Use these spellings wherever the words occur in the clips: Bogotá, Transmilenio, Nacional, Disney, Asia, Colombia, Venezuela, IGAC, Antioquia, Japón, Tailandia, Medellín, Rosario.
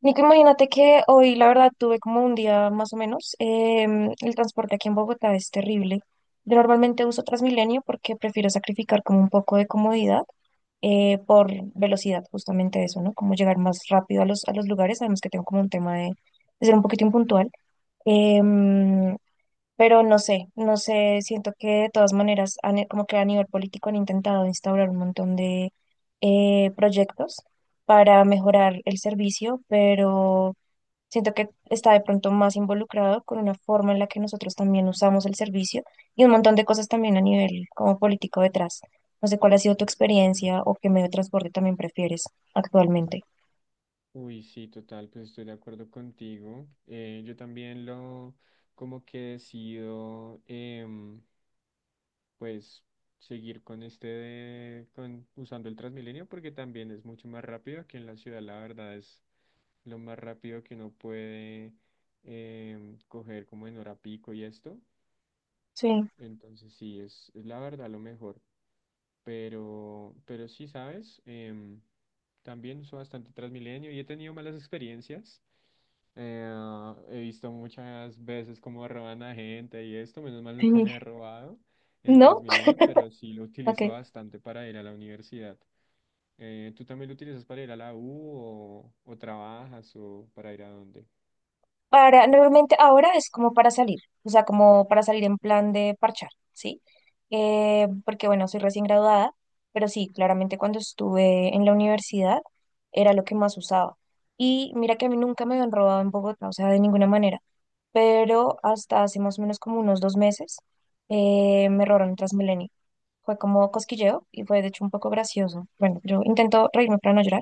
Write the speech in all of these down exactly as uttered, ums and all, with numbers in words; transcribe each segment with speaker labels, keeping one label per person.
Speaker 1: Nico, imagínate que hoy, la verdad, tuve como un día más o menos. Em, el transporte aquí en Bogotá es terrible. Yo normalmente uso Transmilenio porque prefiero sacrificar como un poco de comodidad eh, por velocidad, justamente eso, ¿no? Como llegar más rápido a los, a los lugares. Además que tengo como un tema de, de ser un poquito impuntual. Em, pero no sé, no sé, siento que de todas maneras, han- como que a nivel político han intentado instaurar un montón de eh, proyectos para mejorar el servicio, pero siento que está de pronto más involucrado con una forma en la que nosotros también usamos el servicio y un montón de cosas también a nivel como político detrás. No sé cuál ha sido tu experiencia o qué medio de transporte también prefieres actualmente.
Speaker 2: Uy, sí, total, pues estoy de acuerdo contigo. Eh, yo también lo, como que decido, em, pues, seguir con este, de- con, usando el Transmilenio porque también es mucho más rápido. Aquí en la ciudad, la verdad, es lo más rápido que uno puede em, coger como en hora pico y esto.
Speaker 1: Sí.
Speaker 2: Entonces, sí, es, es la verdad lo mejor. Pero, pero sí, ¿sabes? Em, también uso bastante Transmilenio y he tenido malas experiencias. Eh, he visto muchas veces cómo roban a gente y esto, menos mal nunca me ha robado en
Speaker 1: ¿No?
Speaker 2: Transmilenio, pero sí lo utilizo
Speaker 1: Ok.
Speaker 2: bastante para ir a la universidad. Eh, ¿tú también lo utilizas para ir a la U o, o trabajas o para ir a dónde?
Speaker 1: Para, normalmente ahora es como para salir, o sea, como para salir en plan de parchar, ¿sí? Eh, porque bueno, soy recién graduada, pero sí, claramente cuando estuve en la universidad era lo que más usaba. Y mira que a mí nunca me habían robado en Bogotá, o sea, de ninguna manera, pero hasta hace más o menos como unos dos meses eh, me robaron en Transmilenio. Fue como cosquilleo y fue de hecho un poco gracioso. Bueno, yo intento reírme para no llorar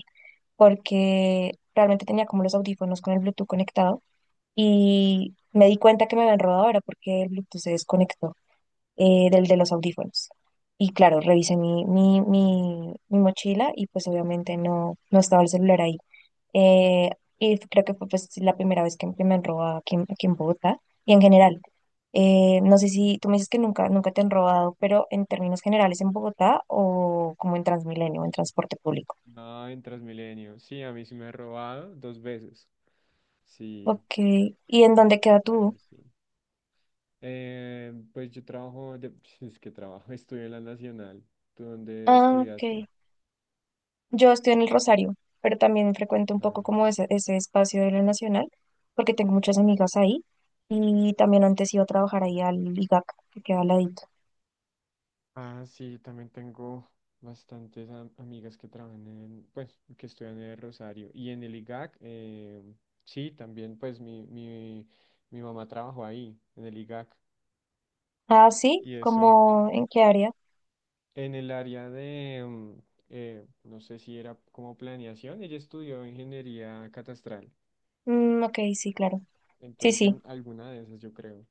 Speaker 1: porque realmente tenía como los audífonos con el Bluetooth conectados y me di cuenta que me habían robado ahora porque el Bluetooth se desconectó eh, del de los audífonos. Y claro, revisé mi, mi, mi, mi mochila y pues obviamente no, no estaba el celular ahí. Eh, y f- creo que fue pues la primera vez que, que me han robado aquí, en- aquí en Bogotá y en general. Eh, no sé si tú me dices que nunca, nunca te han robado, pero en términos generales en Bogotá o como en Transmilenio, en transporte público.
Speaker 2: No, en Transmilenio. Sí, a mí sí me ha robado dos veces. Sí.
Speaker 1: Ok, ¿y en dónde queda tú?
Speaker 2: Baila, sí. Eh, pues yo trabajo, de, es que trabajo, estudio en la Nacional. ¿Tú dónde
Speaker 1: Ah,
Speaker 2: estudiaste?
Speaker 1: ok. Yo estoy en el Rosario, pero también frecuento un poco como
Speaker 2: Ah,
Speaker 1: ese, ese espacio de la Nacional, porque tengo muchas amigas ahí y también antes iba a trabajar ahí al I G A C, que queda al ladito.
Speaker 2: ah, sí, también tengo bastantes am- amigas que trabajan en, pues, que estudian en el Rosario. Y en el I G A C, eh, sí, también, pues, mi, mi, mi mamá trabajó ahí, en el I G A C.
Speaker 1: Ah, sí,
Speaker 2: Y eso,
Speaker 1: ¿como en qué área?
Speaker 2: en el área de, mm, eh, no sé si era como planeación, ella estudió ingeniería catastral.
Speaker 1: Mm, ok, sí, claro. Sí,
Speaker 2: Entonces,
Speaker 1: sí,
Speaker 2: en alguna de esas, yo creo.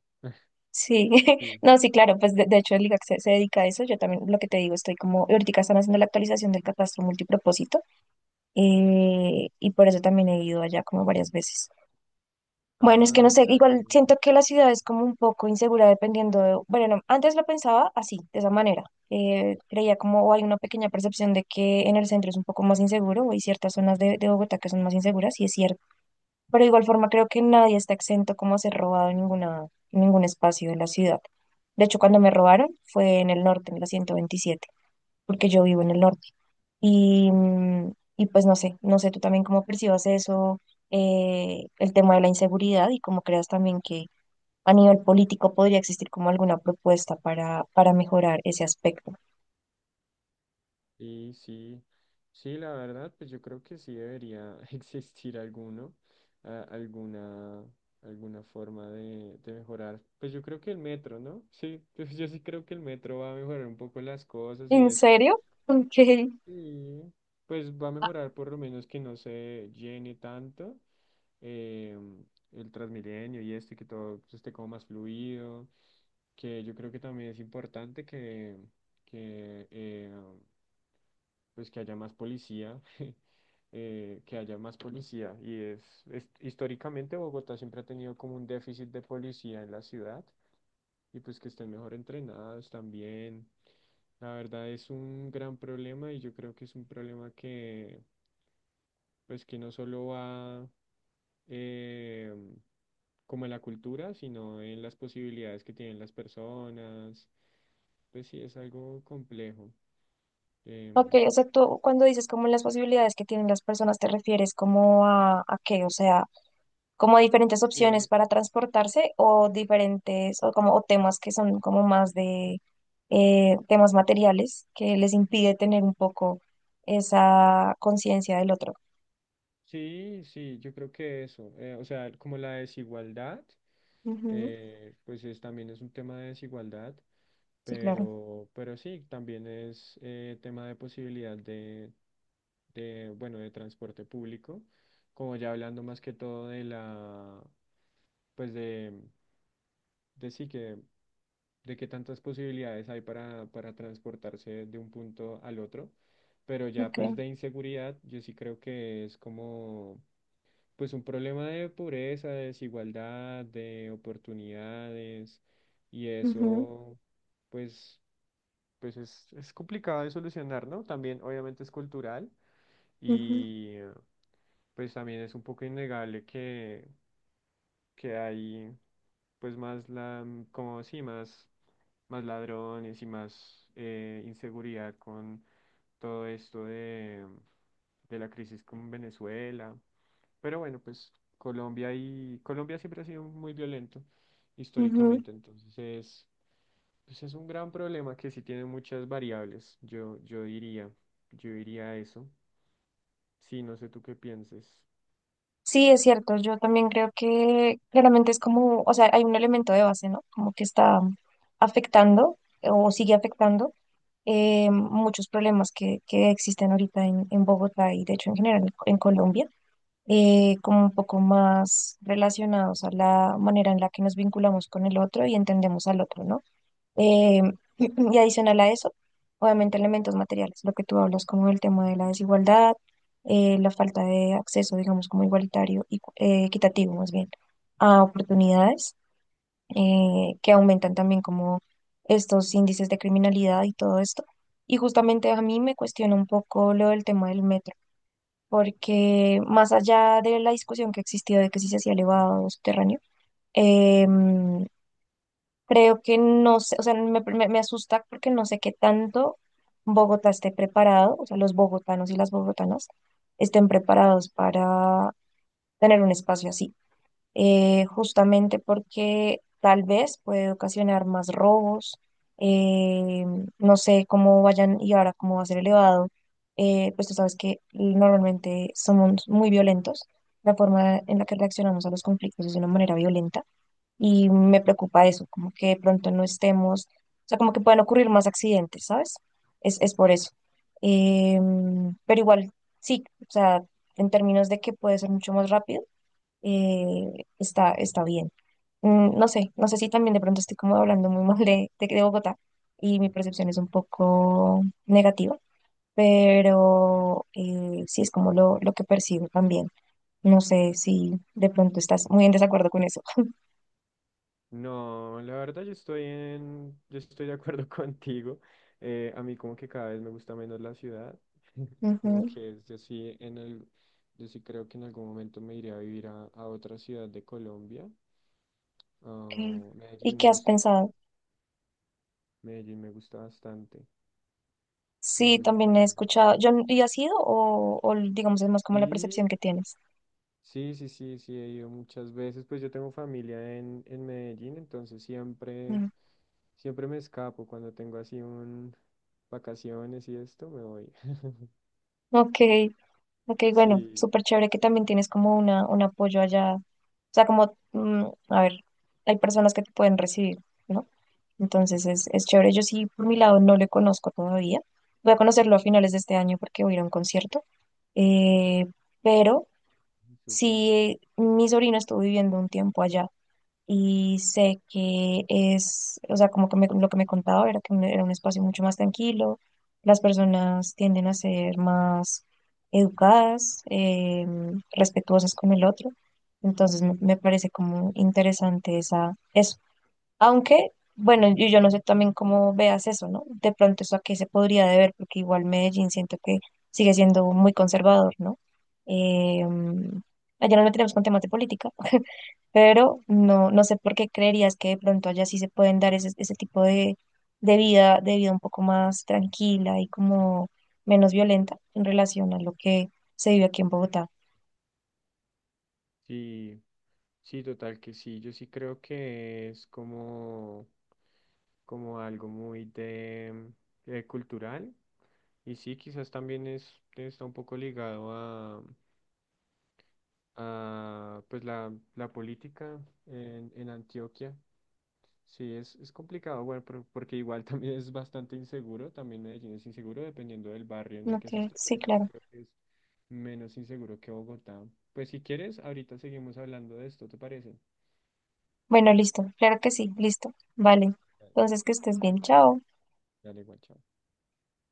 Speaker 1: sí.
Speaker 2: Sí.
Speaker 1: No, sí, claro, pues de, de hecho el I G A C se, se dedica a eso. Yo también lo que te digo, estoy como, ahorita están haciendo la actualización del catastro multipropósito eh, y por eso también he ido allá como varias veces. Bueno, es que
Speaker 2: Ah,
Speaker 1: no sé,
Speaker 2: ya
Speaker 1: igual
Speaker 2: tú.
Speaker 1: siento que la ciudad es como un poco insegura dependiendo de, bueno, no, antes lo pensaba así, de esa manera. Eh, creía como, o hay una pequeña percepción de que en el centro es un poco más inseguro, o hay ciertas zonas de, de Bogotá que son más inseguras, y es cierto. Pero de igual forma creo que nadie está exento como a ser robado en ninguna, en ningún espacio de la ciudad. De hecho, cuando me robaron fue en el norte, en la ciento veintisiete porque yo vivo en el norte. Y, mm, y pues no sé, no sé tú también cómo percibas eso, eh, el tema de la inseguridad y cómo creas también que a nivel político podría existir como alguna propuesta para, para mejorar ese aspecto.
Speaker 2: Sí, sí. Sí, la verdad, pues yo creo que sí debería existir alguno, a- alguna, alguna forma de, de mejorar. Pues yo creo que el metro, ¿no? Sí, pues yo sí creo que el metro va a mejorar un poco las cosas y
Speaker 1: ¿En
Speaker 2: esto.
Speaker 1: serio? Ok.
Speaker 2: Y pues va a mejorar por lo menos que no se llene tanto eh, el Transmilenio y este que todo esté como más fluido, que yo creo que también es importante que, que eh, pues que haya más policía, eh, que haya más policía. Y es, es- históricamente Bogotá siempre ha tenido como un déficit de policía en la ciudad y pues que estén mejor entrenados también. La verdad es un gran problema y yo creo que es un problema que pues que no solo va eh, como en la cultura, sino en las posibilidades que tienen las personas. Pues sí, es algo complejo. em,
Speaker 1: Ok, o sea, tú cuando dices como las posibilidades que tienen las personas, ¿te refieres como a, a qué? O sea, como diferentes opciones
Speaker 2: Sí,
Speaker 1: para transportarse o diferentes o como o temas que son como más de eh, temas materiales que les impide tener un poco esa conciencia del otro.
Speaker 2: sí, sí, yo creo que eso, eh, o sea, como la desigualdad,
Speaker 1: Ujú.
Speaker 2: eh, pues es, también es un tema de desigualdad,
Speaker 1: Sí, claro.
Speaker 2: pero, pero sí, también es eh, tema de posibilidad de, de, bueno, de transporte público, como ya hablando más que todo de la, pues de, de sí que, de qué tantas posibilidades hay para, para transportarse de un punto al otro. Pero ya
Speaker 1: Okay.
Speaker 2: pues de inseguridad, yo sí creo que es como pues un problema de pobreza, de desigualdad, de oportunidades y
Speaker 1: Ujú,
Speaker 2: eso pues pues es, es complicado de solucionar, ¿no? También obviamente es cultural
Speaker 1: ujú,
Speaker 2: y eh, pues también es un poco innegable que, que hay pues más la como sí, más, más ladrones y más eh, inseguridad con todo esto de, de la crisis con Venezuela. Pero bueno, pues Colombia y Colombia siempre ha sido muy violento
Speaker 1: ujú.
Speaker 2: históricamente, entonces es, pues es un gran problema que sí tiene muchas variables, yo, yo diría, yo diría eso. Sí, no sé tú qué pienses.
Speaker 1: Sí, es cierto. Yo también creo que claramente es como, o sea, hay un elemento de base, ¿no? Como que está afectando o sigue afectando eh, muchos problemas que, que existen ahorita en, en Bogotá y de hecho en general en Colombia, eh, como un poco más relacionados a la manera en la que nos vinculamos con el otro y entendemos al otro, ¿no? Eh, y adicional a eso, obviamente elementos materiales, lo que tú hablas como el tema de la desigualdad, eh, la falta de acceso, digamos, como igualitario y eh, equitativo más bien, a oportunidades eh, que aumentan también como estos índices de criminalidad y todo esto. Y justamente a mí me cuestiona un poco lo del tema del método porque más allá de la discusión que existió de que si se hacía elevado o subterráneo, em, creo que no sé, o sea, me, me- me asusta porque no sé qué tanto Bogotá esté preparado, o sea, los bogotanos y las bogotanas estén preparados para tener un espacio así, eh, justamente porque tal vez puede ocasionar más robos, eh, no sé cómo vayan y ahora cómo va a ser elevado, eh, pues tú sabes que normalmente somos muy violentos, la forma en la que reaccionamos a los conflictos es de una manera violenta y me preocupa eso, como que de pronto no estemos, o sea, como que pueden ocurrir más accidentes, ¿sabes? Es, es por eso. Em, pero igual, sí, o sea, en términos de que puede ser mucho más rápido, eh, está, está bien. Mm, no sé, no sé si también de pronto estoy como hablando muy mal de, de, de Bogotá y mi percepción es un poco negativa, pero eh, sí es como lo, lo que percibo también. No sé si de pronto estás muy en desacuerdo con eso.
Speaker 2: No, la verdad yo estoy en, yo estoy de acuerdo contigo. Eh, a mí como que cada vez me gusta menos la ciudad. Como
Speaker 1: Ujú,
Speaker 2: que es- yo sí en el, yo sí creo que en algún momento me iré a vivir a, a otra ciudad de Colombia.
Speaker 1: ok.
Speaker 2: Ah,
Speaker 1: ¿Y
Speaker 2: Medellín
Speaker 1: qué
Speaker 2: me
Speaker 1: has
Speaker 2: gusta mucho.
Speaker 1: pensado?
Speaker 2: Medellín me gusta bastante. No
Speaker 1: Sí,
Speaker 2: sé si
Speaker 1: también he
Speaker 2: conoces
Speaker 1: escuchado.
Speaker 2: Medellín.
Speaker 1: Yo, n- ¿y has ido o, o digamos es más como la
Speaker 2: Sí,
Speaker 1: percepción que tienes?
Speaker 2: Sí, sí, sí, sí, he ido muchas veces. Pues yo tengo familia en, en Medellín, entonces siempre,
Speaker 1: Mm.
Speaker 2: siempre me escapo cuando tengo así un vacaciones y esto, me voy.
Speaker 1: Ok. Ok, bueno,
Speaker 2: Sí,
Speaker 1: súper chévere que también tienes como una, un apoyo allá. O sea, como, mm, a ver, hay personas que te pueden recibir, ¿no? Entonces es, es chévere. Yo sí, por mi lado, no le conozco todavía. Voy a conocerlo a finales de este año porque voy a ir a un concierto. Eh, pero
Speaker 2: súper.
Speaker 1: sí, mi sobrino estuvo viviendo un tiempo allá y sé que es, o sea, como que me- lo que me contaba era que me- era un espacio mucho más tranquilo, las personas tienden a ser más educadas, eh, respetuosas con el otro, entonces me, me parece como interesante esa, eso. Aunque, bueno, yo, yo no sé también cómo veas eso, ¿no? De pronto eso a qué se podría deber, porque igual Medellín siento que sigue siendo muy conservador, ¿no? Eh, Allá no lo tenemos con temas de política, pero no, no sé por qué creerías que de pronto allá sí se pueden dar ese, ese tipo de, de vida, de vida un poco más tranquila y como menos violenta en relación a lo que se vive aquí en Bogotá.
Speaker 2: Sí, sí, total que sí. Yo sí creo que es como, como algo muy de, eh, cultural. Y sí, quizás también es, está un poco ligado a, a pues la, la política en, en Antioquia. Sí, es, es complicado, bueno, pero- porque igual también es bastante inseguro, también Medellín es inseguro dependiendo del barrio en el que se
Speaker 1: Ok,
Speaker 2: esté, pero
Speaker 1: sí,
Speaker 2: yo sí
Speaker 1: claro.
Speaker 2: creo que es menos inseguro que Bogotá. Pues si quieres, ahorita seguimos hablando de esto, ¿te parece?
Speaker 1: Bueno, listo, claro que sí, listo. Vale,
Speaker 2: Dale,
Speaker 1: entonces que estés bien, chao.
Speaker 2: dale, igual, chao.